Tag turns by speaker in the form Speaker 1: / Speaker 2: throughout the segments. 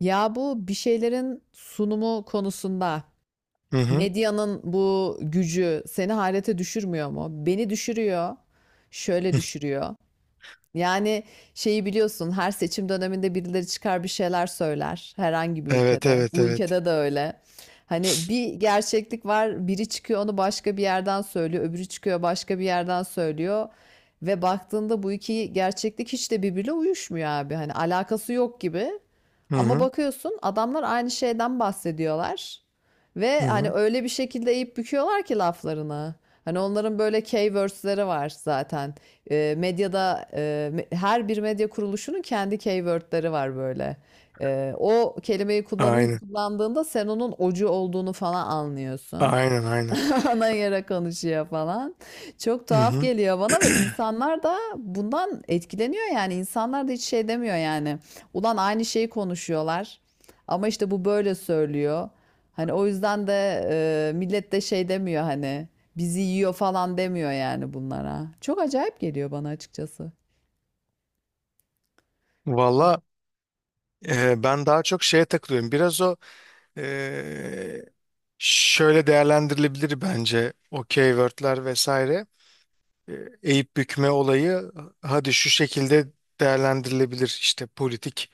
Speaker 1: Ya bu bir şeylerin sunumu konusunda
Speaker 2: Hı hı.
Speaker 1: medyanın bu gücü seni hayrete düşürmüyor mu? Beni düşürüyor. Şöyle düşürüyor. Yani şeyi biliyorsun, her seçim döneminde birileri çıkar bir şeyler söyler herhangi bir
Speaker 2: Evet
Speaker 1: ülkede.
Speaker 2: evet
Speaker 1: Bu
Speaker 2: evet.
Speaker 1: ülkede de öyle. Hani bir gerçeklik var, biri çıkıyor onu başka bir yerden söylüyor, öbürü çıkıyor başka bir yerden söylüyor. Ve baktığında bu iki gerçeklik hiç de birbiriyle uyuşmuyor abi. Hani alakası yok gibi.
Speaker 2: Hı
Speaker 1: Ama
Speaker 2: hı.
Speaker 1: bakıyorsun adamlar aynı şeyden bahsediyorlar.
Speaker 2: Hı
Speaker 1: Ve hani
Speaker 2: hı.
Speaker 1: öyle bir şekilde eğip büküyorlar ki laflarını. Hani onların böyle keywords'leri var zaten. Medyada her bir medya kuruluşunun kendi keyword'leri var böyle. O kelimeyi kullanın,
Speaker 2: Aynen.
Speaker 1: kullandığında sen onun ocu olduğunu falan anlıyorsun.
Speaker 2: Aynen aynen.
Speaker 1: ana yara konuşuyor falan. Çok
Speaker 2: Hı
Speaker 1: tuhaf
Speaker 2: hı.
Speaker 1: geliyor bana ve insanlar da bundan etkileniyor yani. İnsanlar da hiç şey demiyor yani. Ulan aynı şeyi konuşuyorlar. Ama işte bu böyle söylüyor. Hani o yüzden de millet de şey demiyor, hani bizi yiyor falan demiyor yani bunlara. Çok acayip geliyor bana açıkçası.
Speaker 2: Valla ben daha çok şeye takılıyorum. Biraz o e, şöyle değerlendirilebilir bence o keywordler vesaire. E, Eğip bükme olayı hadi şu şekilde değerlendirilebilir. İşte politik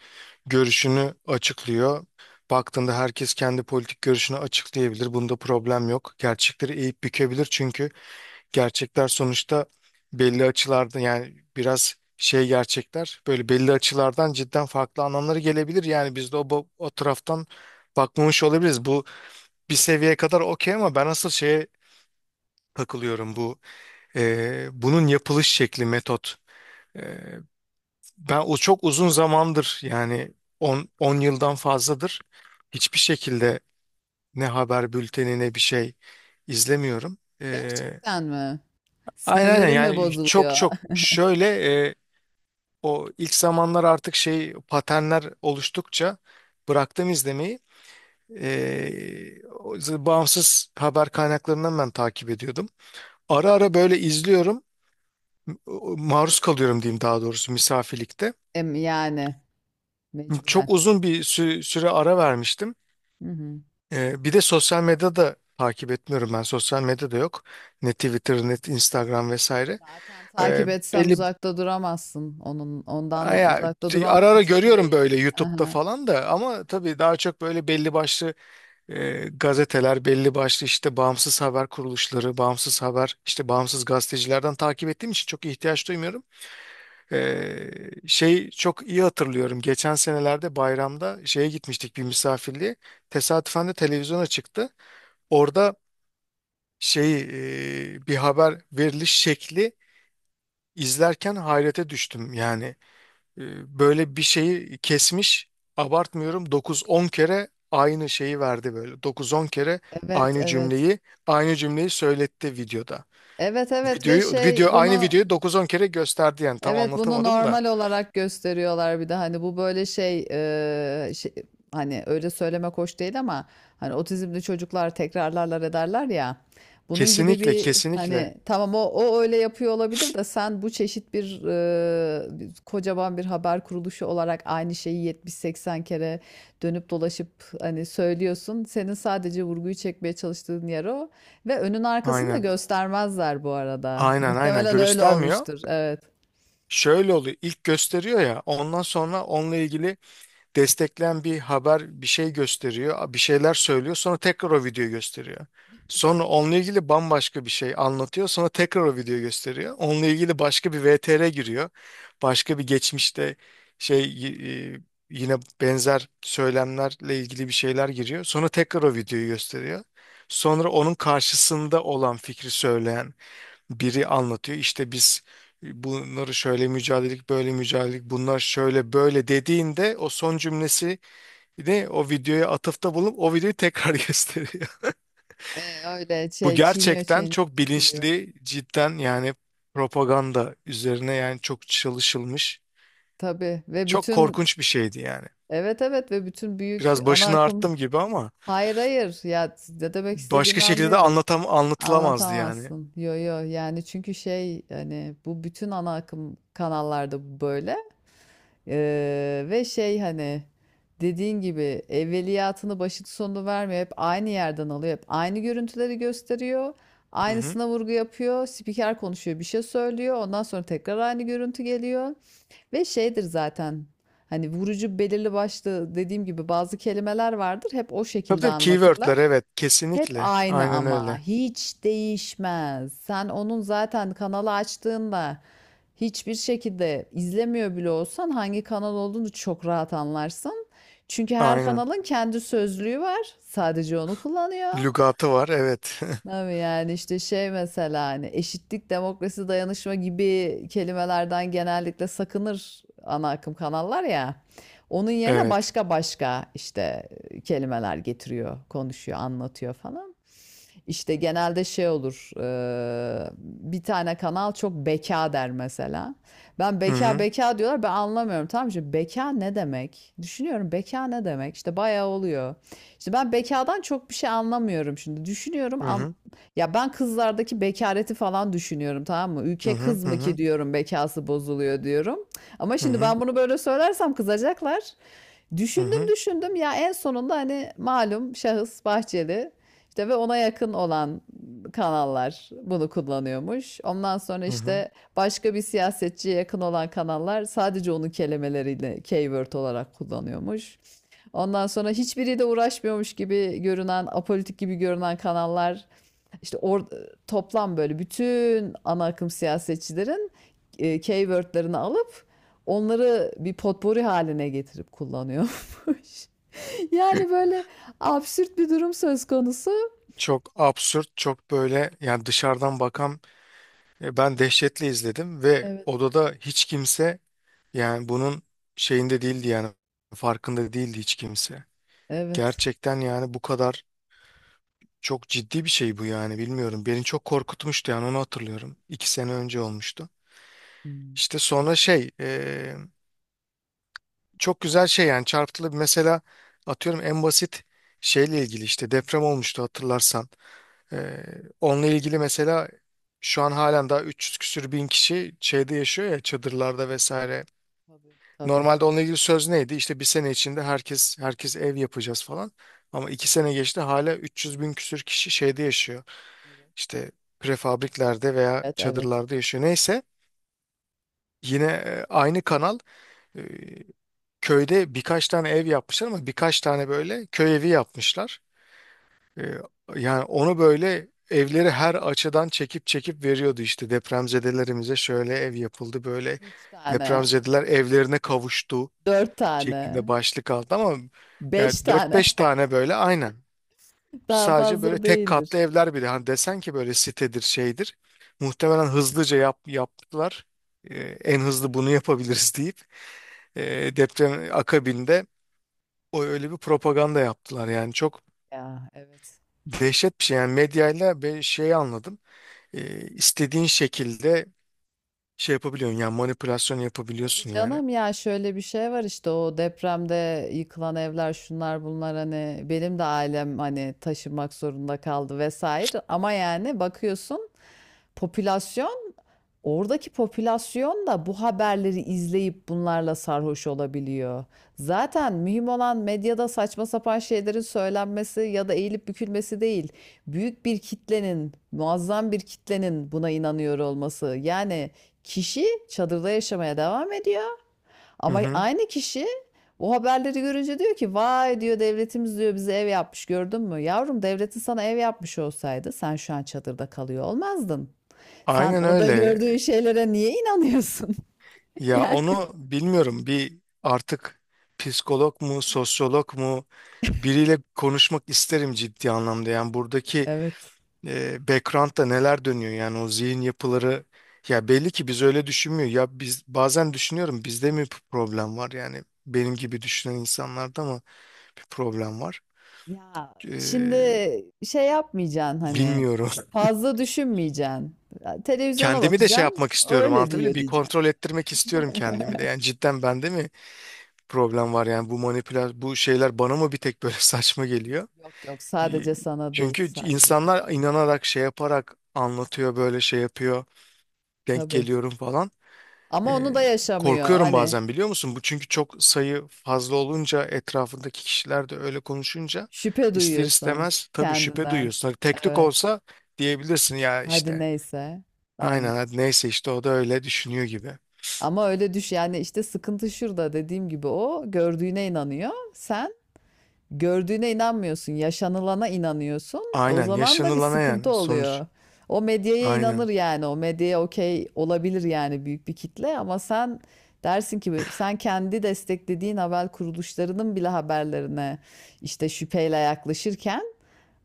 Speaker 2: görüşünü açıklıyor. Baktığında herkes kendi politik görüşünü açıklayabilir. Bunda problem yok. Gerçekleri eğip bükebilir çünkü gerçekler sonuçta belli açılarda yani biraz şey gerçekler böyle belli açılardan cidden farklı anlamları gelebilir. Yani biz de o, o taraftan bakmamış olabiliriz. Bu bir seviyeye kadar okey ama ben asıl şeye takılıyorum bu bunun yapılış şekli metot. E, Ben o çok uzun zamandır yani on yıldan fazladır hiçbir şekilde ne haber bülteni ne bir şey izlemiyorum.
Speaker 1: Gerçekten mi?
Speaker 2: Aynen aynen
Speaker 1: Sinirlerim mi
Speaker 2: yani çok
Speaker 1: bozuluyor?
Speaker 2: çok şöyle o ilk zamanlar artık şey paternler oluştukça bıraktım izlemeyi. O bağımsız haber kaynaklarından ben takip ediyordum. Ara ara böyle izliyorum. Maruz kalıyorum diyeyim daha doğrusu misafirlikte.
Speaker 1: Yani mecburen.
Speaker 2: Çok uzun bir süre ara vermiştim.
Speaker 1: Hı hı.
Speaker 2: Bir de sosyal medyada takip etmiyorum ben. Sosyal medyada yok. Ne Twitter, ne Instagram vesaire.
Speaker 1: Zaten
Speaker 2: Ee,
Speaker 1: takip etsen
Speaker 2: Belli
Speaker 1: uzakta duramazsın. Onun ondan
Speaker 2: Aya,
Speaker 1: uzakta duran
Speaker 2: ara ara
Speaker 1: mümkün
Speaker 2: görüyorum
Speaker 1: değil.
Speaker 2: böyle YouTube'da
Speaker 1: Aha.
Speaker 2: falan da ama tabii daha çok böyle belli başlı gazeteler belli başlı işte bağımsız haber kuruluşları, bağımsız haber işte bağımsız gazetecilerden takip ettiğim için çok ihtiyaç duymuyorum. E, Şey çok iyi hatırlıyorum. Geçen senelerde bayramda şeye gitmiştik bir misafirliğe. Tesadüfen de televizyona çıktı. Orada şey bir haber veriliş şekli izlerken hayrete düştüm yani. E, Böyle bir şeyi kesmiş. Abartmıyorum. Dokuz on kere aynı şeyi verdi böyle. Dokuz on kere
Speaker 1: Evet,
Speaker 2: aynı
Speaker 1: evet.
Speaker 2: cümleyi aynı cümleyi söyletti videoda.
Speaker 1: Evet, evet ve
Speaker 2: Videoyu video
Speaker 1: şey
Speaker 2: Aynı
Speaker 1: bunu.
Speaker 2: videoyu dokuz on kere gösterdi yani tam
Speaker 1: Evet, bunu
Speaker 2: anlatamadım da.
Speaker 1: normal olarak gösteriyorlar, bir de hani bu böyle şey, şey, hani öyle söylemek hoş değil ama hani otizmli çocuklar tekrarlarlar ederler ya, bunun gibi
Speaker 2: Kesinlikle
Speaker 1: bir,
Speaker 2: kesinlikle.
Speaker 1: hani tamam o öyle yapıyor olabilir de sen bu çeşit bir, kocaman bir haber kuruluşu olarak aynı şeyi 70 80 kere dönüp dolaşıp hani söylüyorsun, senin sadece vurguyu çekmeye çalıştığın yer o ve önün arkasını da
Speaker 2: Aynen.
Speaker 1: göstermezler bu arada,
Speaker 2: Aynen aynen
Speaker 1: muhtemelen öyle
Speaker 2: göstermiyor.
Speaker 1: olmuştur, evet.
Speaker 2: Şöyle oluyor. İlk gösteriyor ya ondan sonra onunla ilgili destekleyen bir haber bir şey gösteriyor, bir şeyler söylüyor, sonra tekrar o videoyu gösteriyor. Sonra onunla ilgili bambaşka bir şey anlatıyor, sonra tekrar o videoyu gösteriyor. Onunla ilgili başka bir VTR giriyor. Başka bir geçmişte şey yine benzer söylemlerle ilgili bir şeyler giriyor. Sonra tekrar o videoyu gösteriyor. Sonra onun karşısında olan fikri söyleyen biri anlatıyor. İşte biz bunları şöyle mücadelelik, böyle mücadelelik, bunlar şöyle böyle dediğinde o son cümlesi de o videoya atıfta bulunup o videoyu tekrar gösteriyor.
Speaker 1: Öyle
Speaker 2: Bu
Speaker 1: şey, çiğniyor
Speaker 2: gerçekten
Speaker 1: çiğniyor
Speaker 2: çok
Speaker 1: tükürüyor.
Speaker 2: bilinçli, cidden yani propaganda üzerine yani çok çalışılmış.
Speaker 1: Tabii ve
Speaker 2: Çok
Speaker 1: bütün,
Speaker 2: korkunç bir şeydi yani.
Speaker 1: evet evet ve bütün büyük
Speaker 2: Biraz
Speaker 1: ana
Speaker 2: başını
Speaker 1: akım,
Speaker 2: arttım gibi ama
Speaker 1: hayır hayır ya, ne demek
Speaker 2: başka
Speaker 1: istediğini
Speaker 2: şekilde de
Speaker 1: anlıyorum.
Speaker 2: anlatılamazdı yani.
Speaker 1: Anlatamazsın. Yo yo, yani çünkü şey, hani bu bütün ana akım kanallarda bu böyle. Ve şey, hani dediğin gibi evveliyatını başını sonunu vermiyor. Hep aynı yerden alıyor. Hep aynı görüntüleri gösteriyor.
Speaker 2: Hı hı.
Speaker 1: Aynısına vurgu yapıyor. Spiker konuşuyor, bir şey söylüyor. Ondan sonra tekrar aynı görüntü geliyor. Ve şeydir zaten, hani vurucu belirli başlı, dediğim gibi bazı kelimeler vardır, hep o
Speaker 2: Tabii
Speaker 1: şekilde
Speaker 2: tabii
Speaker 1: anlatırlar.
Speaker 2: keywordler evet
Speaker 1: Hep
Speaker 2: kesinlikle.
Speaker 1: aynı,
Speaker 2: Aynen
Speaker 1: ama
Speaker 2: öyle.
Speaker 1: hiç değişmez. Sen onun zaten kanalı açtığında, hiçbir şekilde izlemiyor bile olsan, hangi kanal olduğunu çok rahat anlarsın. Çünkü her
Speaker 2: Aynen.
Speaker 1: kanalın kendi sözlüğü var. Sadece onu kullanıyor.
Speaker 2: Lügatı var evet.
Speaker 1: Tabii yani işte şey, mesela hani eşitlik, demokrasi, dayanışma gibi kelimelerden genellikle sakınır ana akım kanallar ya. Onun yerine
Speaker 2: Evet.
Speaker 1: başka başka işte kelimeler getiriyor, konuşuyor, anlatıyor falan. İşte genelde şey olur. Bir tane kanal çok beka der mesela. Ben,
Speaker 2: Hı
Speaker 1: beka
Speaker 2: hı.
Speaker 1: beka diyorlar, ben anlamıyorum, tamam mı? Şimdi beka ne demek? Düşünüyorum beka ne demek? İşte bayağı oluyor. İşte ben bekadan çok bir şey anlamıyorum şimdi. Düşünüyorum
Speaker 2: Hı
Speaker 1: an,
Speaker 2: hı.
Speaker 1: ya ben kızlardaki bekareti falan düşünüyorum, tamam mı?
Speaker 2: Hı
Speaker 1: Ülke
Speaker 2: hı.
Speaker 1: kız
Speaker 2: Hı
Speaker 1: mı ki
Speaker 2: hı.
Speaker 1: diyorum, bekası bozuluyor diyorum. Ama
Speaker 2: Hı
Speaker 1: şimdi
Speaker 2: hı.
Speaker 1: ben bunu böyle söylersem kızacaklar.
Speaker 2: Hı
Speaker 1: Düşündüm
Speaker 2: hı.
Speaker 1: düşündüm ya, en sonunda hani malum şahıs Bahçeli işte ve ona yakın olan kanallar bunu kullanıyormuş. Ondan sonra
Speaker 2: Hı hı.
Speaker 1: işte başka bir siyasetçiye yakın olan kanallar sadece onun kelimeleriyle keyword olarak kullanıyormuş. Ondan sonra hiçbiriyle uğraşmıyormuş gibi görünen, apolitik gibi görünen kanallar işte toplam böyle bütün ana akım siyasetçilerin keywordlerini alıp onları bir potpori haline getirip kullanıyormuş. Yani böyle absürt bir durum söz konusu.
Speaker 2: Çok absürt, çok böyle yani dışarıdan bakan ben dehşetle izledim ve
Speaker 1: Evet.
Speaker 2: odada hiç kimse yani bunun şeyinde değildi yani farkında değildi hiç kimse.
Speaker 1: Evet.
Speaker 2: Gerçekten yani bu kadar çok ciddi bir şey bu yani bilmiyorum. Beni çok korkutmuştu yani onu hatırlıyorum. 2 sene önce olmuştu.
Speaker 1: Hmm.
Speaker 2: İşte sonra şey çok güzel şey yani çarpıtılı bir mesela atıyorum en basit şeyle ilgili işte deprem olmuştu hatırlarsan. Ee, Onunla ilgili mesela şu an halen daha 300 küsür bin kişi şeyde yaşıyor ya çadırlarda vesaire.
Speaker 1: Tabii. Tabii.
Speaker 2: Normalde onunla ilgili söz neydi? İşte bir sene içinde herkes ev yapacağız falan. Ama 2 sene geçti hala 300 bin küsür kişi şeyde yaşıyor.
Speaker 1: Evet,
Speaker 2: İşte prefabriklerde veya
Speaker 1: evet. Evet.
Speaker 2: çadırlarda yaşıyor. Neyse yine aynı kanal e, köyde birkaç tane ev yapmışlar ama birkaç tane böyle köy evi yapmışlar. Ee, Yani onu böyle evleri her açıdan çekip çekip veriyordu işte depremzedelerimize şöyle ev yapıldı böyle
Speaker 1: Üç tane,
Speaker 2: depremzedeler evlerine kavuştu
Speaker 1: dört
Speaker 2: şeklinde
Speaker 1: tane,
Speaker 2: başlık aldı ama
Speaker 1: beş
Speaker 2: yani dört
Speaker 1: tane.
Speaker 2: beş tane böyle aynen
Speaker 1: Daha
Speaker 2: sadece böyle
Speaker 1: fazla
Speaker 2: tek
Speaker 1: değildir.
Speaker 2: katlı evler bile hani desen ki böyle sitedir şeydir muhtemelen hızlıca yaptılar. Ee, En hızlı bunu yapabiliriz deyip e, deprem akabinde o öyle bir propaganda yaptılar yani çok
Speaker 1: Ya, evet.
Speaker 2: dehşet bir şey yani medyayla bir şey anladım. İstediğin şekilde şey yapabiliyorsun yani manipülasyon
Speaker 1: Tabii
Speaker 2: yapabiliyorsun yani.
Speaker 1: canım ya, şöyle bir şey var, işte o depremde yıkılan evler şunlar bunlar, hani benim de ailem hani taşınmak zorunda kaldı vesaire, ama yani bakıyorsun popülasyon, oradaki popülasyon da bu haberleri izleyip bunlarla sarhoş olabiliyor. Zaten mühim olan medyada saçma sapan şeylerin söylenmesi ya da eğilip bükülmesi değil. Büyük bir kitlenin, muazzam bir kitlenin buna inanıyor olması. Yani kişi çadırda yaşamaya devam ediyor.
Speaker 2: Hı
Speaker 1: Ama
Speaker 2: hı.
Speaker 1: aynı kişi bu haberleri görünce diyor ki, vay diyor, devletimiz diyor bize ev yapmış, gördün mü? Yavrum, devletin sana ev yapmış olsaydı sen şu an çadırda kalıyor olmazdın. Sen
Speaker 2: Aynen
Speaker 1: orada
Speaker 2: öyle.
Speaker 1: gördüğün şeylere niye inanıyorsun?
Speaker 2: Ya
Speaker 1: Yani
Speaker 2: onu bilmiyorum bir artık psikolog mu sosyolog mu biriyle konuşmak isterim ciddi anlamda. Yani buradaki
Speaker 1: evet.
Speaker 2: background'da neler dönüyor yani o zihin yapıları ya belli ki biz öyle düşünmüyor ya biz bazen düşünüyorum bizde mi bir problem var yani benim gibi düşünen insanlarda mı bir problem var.
Speaker 1: Ya şimdi
Speaker 2: Ee,
Speaker 1: şey yapmayacaksın, hani
Speaker 2: Bilmiyorum
Speaker 1: fazla düşünmeyeceksin. Ya, televizyona
Speaker 2: kendimi de şey
Speaker 1: bakacaksın.
Speaker 2: yapmak istiyorum
Speaker 1: Öyle
Speaker 2: anlatabiliyor
Speaker 1: diyor
Speaker 2: muyum bir
Speaker 1: diyeceksin.
Speaker 2: kontrol ettirmek istiyorum kendimi de yani cidden bende mi problem var yani bu manipülasyon bu şeyler bana mı bir tek böyle saçma geliyor.
Speaker 1: Yok yok,
Speaker 2: Y-
Speaker 1: sadece sana değil,
Speaker 2: Çünkü
Speaker 1: sadece sana
Speaker 2: insanlar
Speaker 1: değil.
Speaker 2: inanarak şey yaparak anlatıyor böyle şey yapıyor denk
Speaker 1: Tabii.
Speaker 2: geliyorum falan.
Speaker 1: Ama onu
Speaker 2: Ee,
Speaker 1: da yaşamıyor
Speaker 2: Korkuyorum
Speaker 1: hani.
Speaker 2: bazen biliyor musun? Bu çünkü çok sayı fazla olunca etrafındaki kişiler de öyle konuşunca
Speaker 1: Şüphe
Speaker 2: ister
Speaker 1: duyuyorsun
Speaker 2: istemez tabii şüphe
Speaker 1: kendinden.
Speaker 2: duyuyorsun. Hani tek tük
Speaker 1: Evet.
Speaker 2: olsa diyebilirsin ya
Speaker 1: Hadi
Speaker 2: işte.
Speaker 1: neyse. Aynen.
Speaker 2: Aynen hadi neyse işte o da öyle düşünüyor gibi.
Speaker 1: Ama öyle düş, yani işte sıkıntı şurada, dediğim gibi, o gördüğüne inanıyor. Sen gördüğüne inanmıyorsun. Yaşanılana inanıyorsun. O
Speaker 2: Aynen
Speaker 1: zaman da bir
Speaker 2: yaşanılana
Speaker 1: sıkıntı
Speaker 2: yani sonuç.
Speaker 1: oluyor. O medyaya inanır
Speaker 2: Aynen.
Speaker 1: yani. O medyaya okey olabilir yani, büyük bir kitle, ama sen dersin ki sen kendi desteklediğin haber kuruluşlarının bile haberlerine işte şüpheyle yaklaşırken,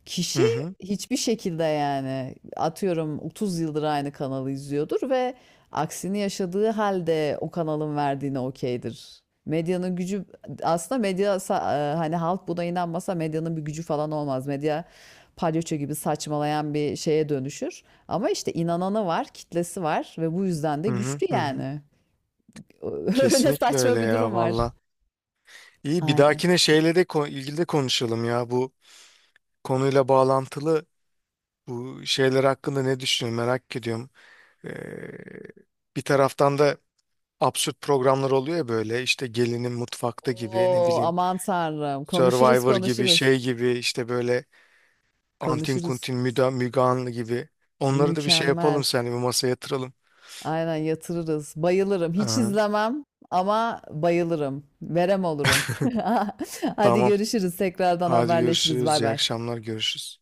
Speaker 1: kişi
Speaker 2: Hı hı
Speaker 1: hiçbir şekilde, yani atıyorum 30 yıldır aynı kanalı izliyordur ve aksini yaşadığı halde o kanalın verdiğine okeydir. Medyanın gücü, aslında hani halk buna inanmasa medyanın bir gücü falan olmaz. Medya palyaço gibi saçmalayan bir şeye dönüşür. Ama işte inananı var, kitlesi var ve bu yüzden de
Speaker 2: hı hı
Speaker 1: güçlü
Speaker 2: hı. Hı.
Speaker 1: yani. Öyle
Speaker 2: Kesinlikle öyle
Speaker 1: saçma bir durum
Speaker 2: ya
Speaker 1: var.
Speaker 2: valla. İyi bir
Speaker 1: Aynen.
Speaker 2: dahakine şeyle de ilgili de konuşalım ya bu konuyla bağlantılı bu şeyler hakkında ne düşünüyorsun merak ediyorum. Ee, Bir taraftan da absürt programlar oluyor ya böyle işte gelinin mutfakta gibi ne
Speaker 1: Oo,
Speaker 2: bileyim
Speaker 1: aman tanrım. Konuşuruz
Speaker 2: Survivor gibi
Speaker 1: konuşuruz.
Speaker 2: şey gibi işte böyle Antin
Speaker 1: Konuşuruz.
Speaker 2: Kuntin Müda, Müge Anlı gibi. Onları da bir şey
Speaker 1: Mükemmel.
Speaker 2: yapalım sen bir masaya yatıralım.
Speaker 1: Aynen yatırırız. Bayılırım. Hiç
Speaker 2: Aha.
Speaker 1: izlemem ama bayılırım. Verem olurum. Hadi
Speaker 2: Tamam.
Speaker 1: görüşürüz. Tekrardan
Speaker 2: Hadi
Speaker 1: haberleşiriz.
Speaker 2: görüşürüz.
Speaker 1: Bay
Speaker 2: İyi
Speaker 1: bay.
Speaker 2: akşamlar. Görüşürüz.